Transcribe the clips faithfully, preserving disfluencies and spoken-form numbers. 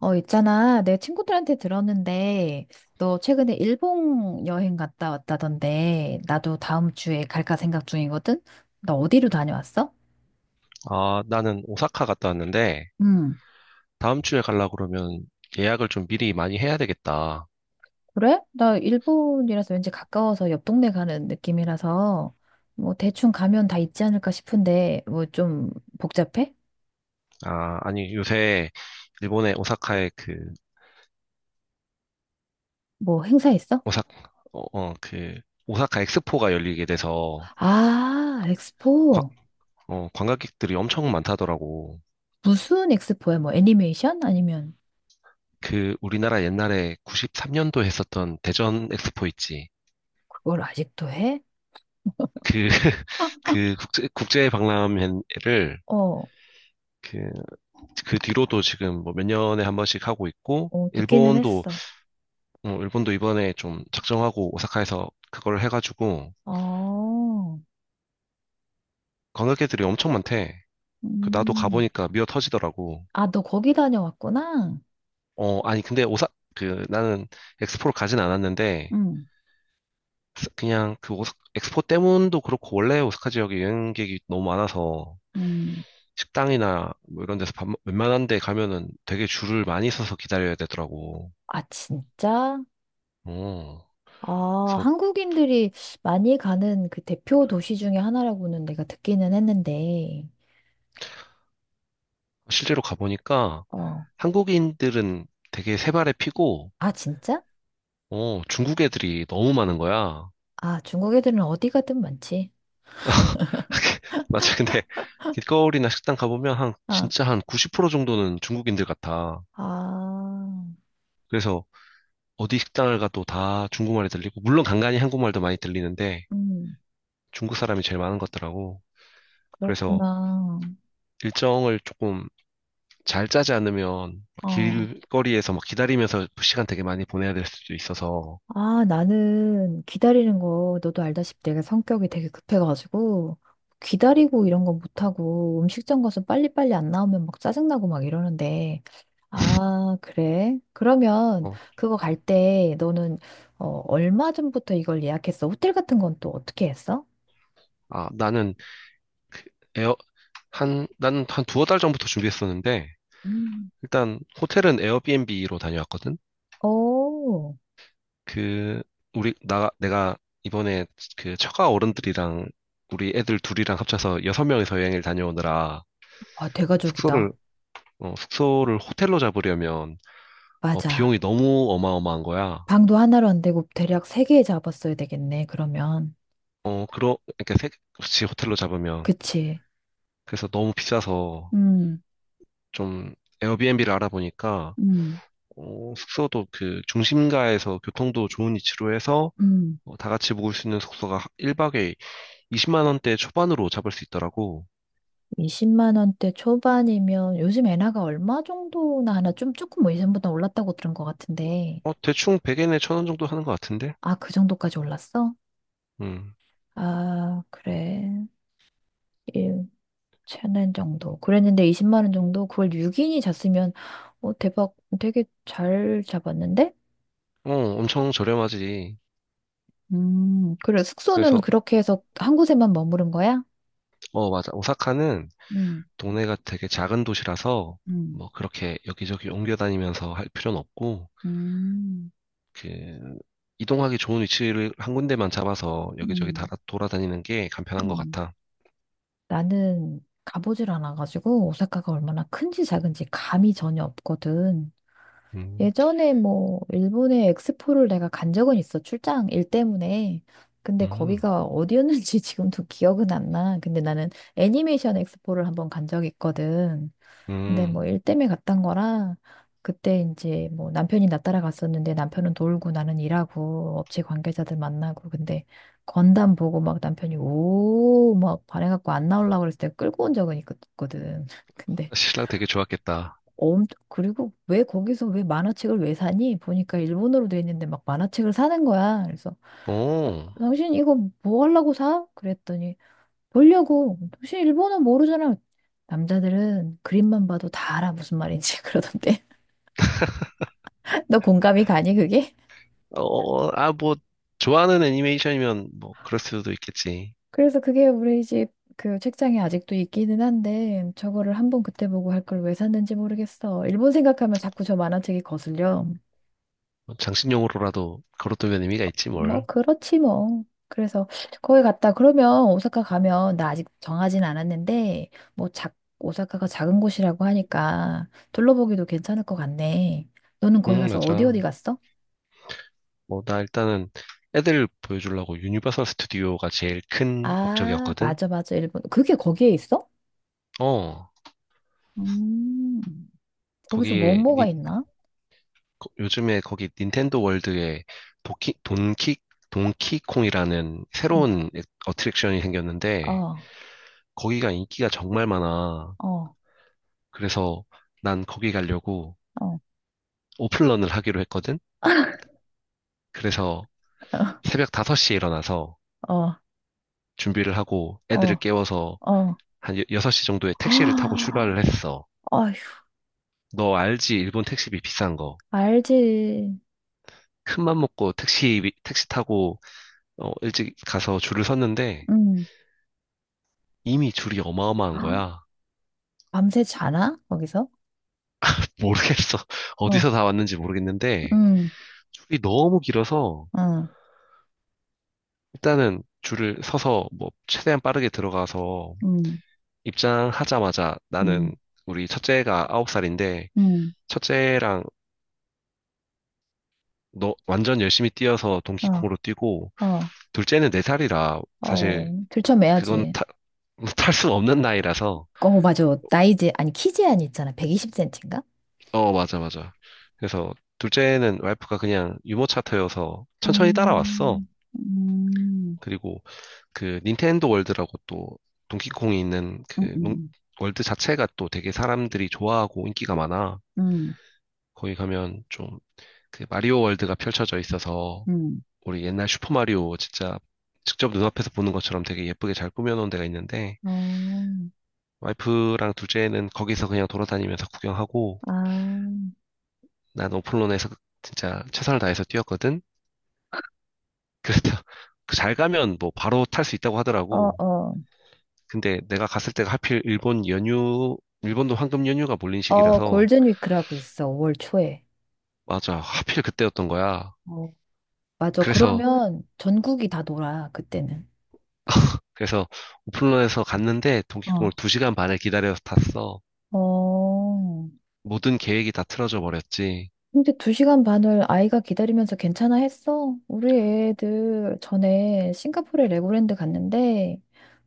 어, 있잖아. 내 친구들한테 들었는데, 너 최근에 일본 여행 갔다 왔다던데, 나도 다음 주에 갈까 생각 중이거든? 나 어디로 다녀왔어? 아, 나는 오사카 갔다 왔는데, 음, 다음 주에 가려고 그러면 예약을 좀 미리 많이 해야 되겠다. 그래? 나 일본이라서 왠지 가까워서 옆 동네 가는 느낌이라서, 뭐 대충 가면 다 있지 않을까 싶은데, 뭐 좀 복잡해? 아, 아니, 요새 일본의 오사카에 그, 뭐 행사 있어? 오사, 어, 어, 그, 오사카 엑스포가 열리게 돼서, 아, 관, 엑스포. 어, 관광객들이 엄청 많다더라고. 무슨 엑스포야? 뭐 애니메이션? 아니면 그, 우리나라 옛날에 구십삼 년도 했었던 대전 엑스포 있지. 그걸 아직도 해? 그, 그 국제, 국제 박람회를 어, 그, 그 뒤로도 지금 뭐 몇 년에 한 번씩 하고 있고, 어, 듣기는 일본도 했어. 어, 일본도 이번에 좀 작정하고 오사카에서 그걸 해가지고 어. 관광객들이 엄청 많대. 그 나도 음. 가보니까 미어 터지더라고. 아, 너 거기 다녀왔구나? 어, 아니 근데 오사 그 나는 엑스포를 가진 않았는데 응. 스- 그냥 그 오사, 엑스포 때문도 그렇고 원래 오사카 지역에 여행객이 너무 많아서 음. 식당이나 뭐 이런 데서 밥, 먹- 웬만한 데 가면은 되게 줄을 많이 서서 기다려야 되더라고. 아, 진짜? 어, 아, 그래서 한국인들이 많이 가는 그 대표 도시 중에 하나라고는 내가 듣기는 했는데. 실제로 가보니까 어. 한국인들은 되게 세 발에 피고 아, 진짜? 어, 중국 애들이 너무 많은 거야. 아, 중국 애들은 어디 가든 많지. 맞아. 근데 길거리나 식당 가보면 한 아, 진짜 한 구십 프로 정도는 중국인들 같아. 아, 그래서 어디 식당을 가도 다 중국말이 들리고 물론 간간히 한국말도 많이 들리는데 음, 중국 사람이 제일 많은 것 같더라고. 그래서 그렇구나. 일정을 조금 잘 짜지 않으면 막 어. 길거리에서 막 기다리면서 시간 되게 많이 보내야 될 수도 있어서 아, 나는 기다리는 거, 너도 알다시피 내가 성격이 되게 급해가지고, 기다리고 이런 거 못하고, 음식점 가서 빨리빨리 안 나오면 막 짜증나고 막 이러는데, 아, 그래? 그러면 어, 그거 갈 때 너는, 어, 얼마 전부터 이걸 예약했어? 호텔 같은 건 또 어떻게 했어? 아, 나는 에어 한 나는 한 두어 달 전부터 준비했었는데 음. 일단 호텔은 에어비앤비로 다녀왔거든. 오, 그 우리 나 내가 이번에 그 처가 어른들이랑 우리 애들 둘이랑 합쳐서 여섯 명이서 여행을 다녀오느라 아, 숙소를 대가족이다. 어, 숙소를 호텔로 잡으려면 어, 맞아. 비용이 너무 어마어마한 거야. 방도 하나로 안 되고, 대략 세 개 잡았어야 되겠네, 그러면. 어 그러 이렇게 세, 그렇지. 호텔로 잡으면 그치? 그래서 너무 비싸서 음, 좀 에어비앤비를 알아보니까 음, 어, 숙소도 그 중심가에서 교통도 좋은 위치로 해서 음. 어, 다 같이 묵을 수 있는 숙소가 일 박에 이십만 원대 초반으로 잡을 수 있더라고. 이십만 원대 초반이면 요즘 엔화가 얼마 정도나 하나 좀 조금 뭐 예전보다 올랐다고 들은 것 같은데. 어, 대충 백 엔에 천 원 정도 하는 것 같은데? 아, 그 정도까지 올랐어? 음. 아, 그래. 1, 천 엔 정도. 그랬는데 이십만 원 정도? 그걸 육 인이 잤으면, 어, 대박. 되게 잘 잡았는데? 어, 엄청 저렴하지. 음, 그래. 숙소는 그래서, 그렇게 해서 한 곳에만 머무른 거야? 어, 맞아. 오사카는 음, 동네가 되게 작은 도시라서, 음, 뭐, 그렇게 여기저기 옮겨 다니면서 할 필요는 없고, 음, 그, 이동하기 좋은 위치를 한 군데만 잡아서 여기저기 다 음, 돌아다니는 게 간편한 것 음. 같아. 나는 가보질 않아가지고 오사카가 얼마나 큰지 작은지 감이 전혀 없거든. 음, 예전에 뭐 일본의 엑스포를 내가 간 적은 있어. 출장 일 때문에. 근데 음, 거기가 어디였는지 지금도 기억은 안 나. 근데 나는 애니메이션 엑스포를 한번 간 적이 있거든. 근데 음. 뭐 일 때문에 갔던 거라 그때 이제 뭐 남편이 나 따라갔었는데 남편은 돌고 나는 일하고 업체 관계자들 만나고 근데 건담 보고 막 남편이 오 막 반해갖고 안 나오려고 그랬을 때 끌고 온 적은 있거든. 근데 신랑 되게 좋았겠다. 엄 그리고 왜 거기서 왜 만화책을 왜 사니? 보니까 일본어로 돼 있는데 막 만화책을 사는 거야. 그래서 어, 당신 이거 뭐 하려고 사? 그랬더니 보려고. 당신 일본어 모르잖아. 남자들은 그림만 봐도 다 알아 무슨 말인지 그러던데. 너 공감이 가니, 그게? 어, 아, 뭐, 좋아하는 애니메이션이면 뭐, 그럴 수도 있겠지. 그래서 그게 우리 집 그 책장에 아직도 있기는 한데, 저거를 한번 그때 보고 할 걸 왜 샀는지 모르겠어. 일본 생각하면 자꾸 저 만화책이 거슬려. 장신용으로라도 걸어두면 의미가 있지, 뭐, 뭘. 그렇지 뭐. 그래서 거기 갔다. 그러면 오사카 가면, 나 아직 정하진 않았는데, 뭐, 작, 오사카가 작은 곳이라고 하니까 둘러보기도 괜찮을 것 같네. 너는 거기 응, 가서 어디 맞아. 어디 갔어? 뭐, 나 일단은 애들 보여주려고 유니버설 스튜디오가 제일 큰 아, 목적이었거든? 맞아, 맞아. 일본. 그게 거기에 있어? 어, 음, 거기서 거기에, 뭐뭐가 닌- 있나? 거- 요즘에 거기 닌텐도 월드에 도키, 돈키, 돈키콩이라는 응. 새로운 애- 어트랙션이 생겼는데, 어. 거기가 인기가 정말 많아. 어, 그래서 난 거기 가려고 어, 오픈런을 하기로 했거든? 그래서 새벽 다섯 시에 일어나서 어, 준비를 하고 애들을 어, 깨워서 어. 한 여섯 시 정도에 택시를 타고 아, 출발을 했어. 어휴, 너 알지? 일본 택시비 비싼 거. 알지. 큰 맘 먹고 택시, 택시 타고, 어, 일찍 가서 줄을 섰는데, 음. 이미 줄이 어마어마한 거야. 밤새 자나? 거기서? 모르겠어. 어디서 어, 다 왔는지 모르겠는데, 음, 줄이 너무 길어서, 어, 일단은 줄을 서서, 뭐, 최대한 빠르게 들어가서, 음, 입장하자마자 나는, 음, 우리 첫째가 아홉 살인데, 음, 첫째랑 너 완전 열심히 뛰어서 어, 동키콩으로 뛰고, 어, 둘째는 네 살이라, 사실, 어. 그건 들쳐매야지. 타, 탈 수 없는 나이라서, 어, 맞아. 나이제, 아니, 키제한 이 있잖아. 백이십 센티인가 어, 맞아, 맞아. 그래서 둘째는 와이프가 그냥 유머 차터여서 천천히 따라왔어. 음, 음, 그리고 그 닌텐도 월드라고 또 동키콩이 있는 음, 그 농- 음, 월드 자체가 또 되게 사람들이 좋아하고 인기가 많아. 음, 거기 가면 좀 그 마리오 월드가 펼쳐져 있어서 음. 우리 옛날 슈퍼마리오 진짜 직접 눈앞에서 보는 것처럼 되게 예쁘게 잘 꾸며놓은 데가 있는데 어, 와이프랑 둘째는 거기서 그냥 돌아다니면서 구경하고 아, 난 오픈런에서 진짜 최선을 다해서 뛰었거든. 그래서 잘 가면 뭐 바로 탈 수 있다고 어, 하더라고. 어, 근데 내가 갔을 때가 하필 일본 연휴, 일본도 황금 연휴가 몰린 어, 시기라서 골든위크라고 있어. 오월 초에. 맞아. 하필 그때였던 거야. 어. 맞아. 그래서 그러면 전국이 다 놀아, 그때는. 그래서 오픈런에서 갔는데 동기콩을 어. 두 시간 반을 기다려서 탔어. 어. 모든 계획이 다 틀어져 버렸지. 근데 두 시간 반을 아이가 기다리면서 괜찮아 했어? 우리 애들 전에 싱가포르에 레고랜드 갔는데,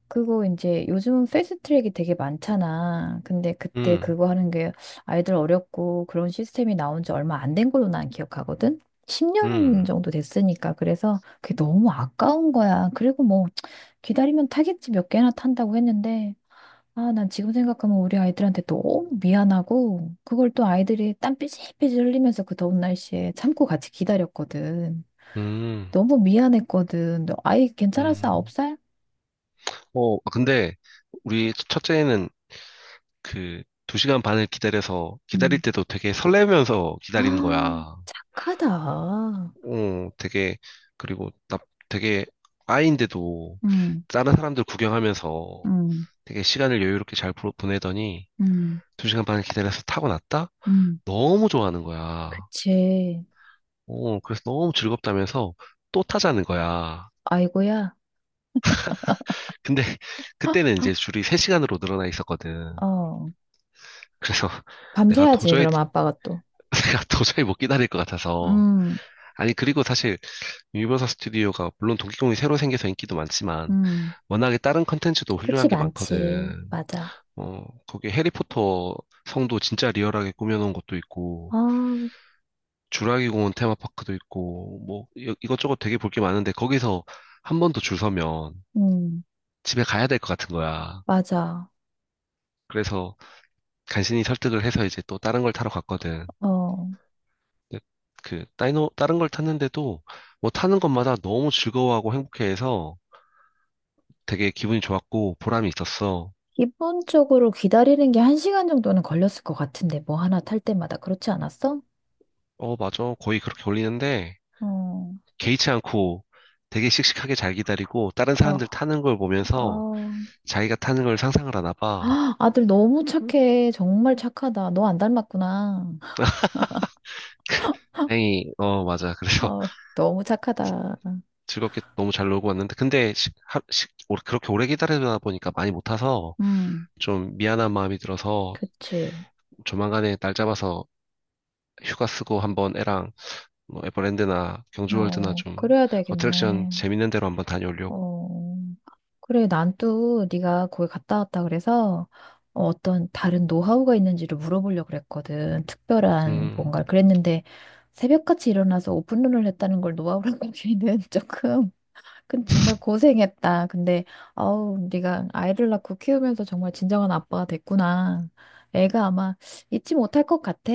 그거 이제 요즘은 패스트 트랙이 되게 많잖아. 근데 그때 음. 그거 하는 게 아이들 어렵고 그런 시스템이 나온 지 얼마 안 된 걸로 난 기억하거든? 십 년 음. 정도 됐으니까. 그래서 그게 너무 아까운 거야. 그리고 뭐 기다리면 타겠지 몇 개나 탄다고 했는데, 아, 난 지금 생각하면 우리 아이들한테 너무 미안하고, 그걸 또 아이들이 땀 삐질삐질 흘리면서 그 더운 날씨에 참고 같이 기다렸거든. 음. 너무 미안했거든. 너 아이 괜찮았어? 아홉 음. 살? 어, 근데 우리 첫째는 그 두 시간 반을 기다려서 기다릴 응. 때도 되게 설레면서 기다리는 아, 거야. 착하다. 어, 되게, 그리고 나 되게 아이인데도 응, 다른 사람들 구경하면서 응, 되게 시간을 여유롭게 잘 보- 보내더니 응, 두 시간 반을 기다려서 타고 났다? 응 너무 좋아하는 거야. 그치. 어, 그래서 너무 즐겁다면서 또 타자는 거야. 아이고야. 근데 헉, 그때는 헉, 이제 줄이 세 시간으로 늘어나 있었거든. 어. 그래서 내가 밤새야지, 도저히, 그럼 아빠가 또. 내가 도저히 못 기다릴 것 같아서. 음, 아니, 그리고 사실 유니버설 스튜디오가 물론 동기공이 새로 생겨서 인기도 많지만 음, 워낙에 다른 컨텐츠도 그치, 훌륭한 게 많지. 많거든. 맞아. 어, 거기 해리포터 성도 진짜 리얼하게 꾸며놓은 것도 있고, 아, 주라기 공원 테마파크도 있고, 뭐, 이- 이것저것 되게 볼 게 많은데, 거기서 한 번 더 줄 서면 음, 집에 가야 될 것 같은 거야. 맞아. 그래서 간신히 설득을 해서 이제 또 다른 걸 타러 갔거든. 어. 근데 그, 다이노, 다른 걸 탔는데도 뭐 타는 것마다 너무 즐거워하고 행복해해서 되게 기분이 좋았고 보람이 있었어. 기본적으로 기다리는 게 한 시간 정도는 걸렸을 것 같은데, 뭐 하나 탈 때마다. 그렇지 않았어? 어, 맞아. 거의 그렇게 올리는데, 어, 개의치 않고 되게 씩씩하게 잘 기다리고, 다른 어, 사람들 타는 걸 보면서 어. 자기가 타는 걸 상상을 하나 봐. 아, 아들 너무 착해. 정말 착하다. 너 안 닮았구나. 다행히, 어, 맞아. 그래서 어, 너무 착하다. 즐겁게 너무 잘 놀고 왔는데, 근데, 시, 하, 시, 오- 그렇게 오래 기다리다 보니까 많이 못 타서 음, 좀 미안한 마음이 들어서 그치. 조만간에 날 잡아서 휴가 쓰고 한번 애랑 뭐 에버랜드나 경주월드나 어, 좀 그래야 어트랙션 되겠네. 재밌는 데로 한번 다녀오려고. 어, 그래, 난 또 네가 거기 갔다 왔다 그래서 어, 어떤 다른 노하우가 있는지를 물어보려고 그랬거든. 특별한 음, 뭔가를 그랬는데 새벽같이 일어나서 오픈런을 했다는 걸 노하우라고 하기는 조금. 근데 정말 고생했다. 근데 아우, 네가 아이를 낳고 키우면서 정말 진정한 아빠가 됐구나. 애가 아마 잊지 못할 것 같아.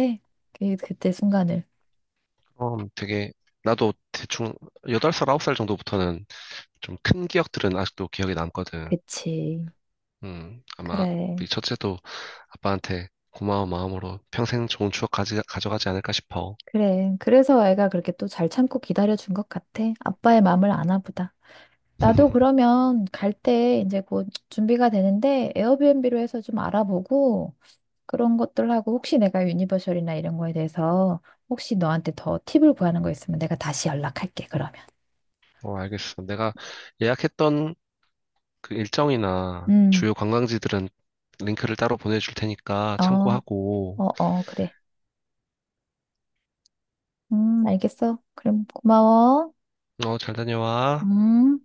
그, 그때 순간을. 그럼 되게, 나도 대충 여덟 살, 아홉 살 정도부터는 좀 큰 기억들은 아직도 기억에 남거든. 그치. 음, 아마 그래. 우리 첫째도 아빠한테 고마운 마음으로 평생 좋은 추억 가지, 가져가지 않을까 싶어. 그래. 그래서 애가 그렇게 또 잘 참고 기다려준 것 같아. 아빠의 마음을 아나 보다. 나도 그러면 갈 때 이제 곧 준비가 되는데 에어비앤비로 해서 좀 알아보고 그런 것들 하고 혹시 내가 유니버셜이나 이런 거에 대해서 혹시 너한테 더 팁을 구하는 거 있으면 내가 다시 연락할게, 그러면. 어, 알겠어. 내가 예약했던 그 일정이나 음, 주요 관광지들은 링크를 따로 보내줄 테니까 어, 참고하고, 어, 어, 그래. 음, 알겠어. 그럼 고마워. 어, 잘 다녀와. 음.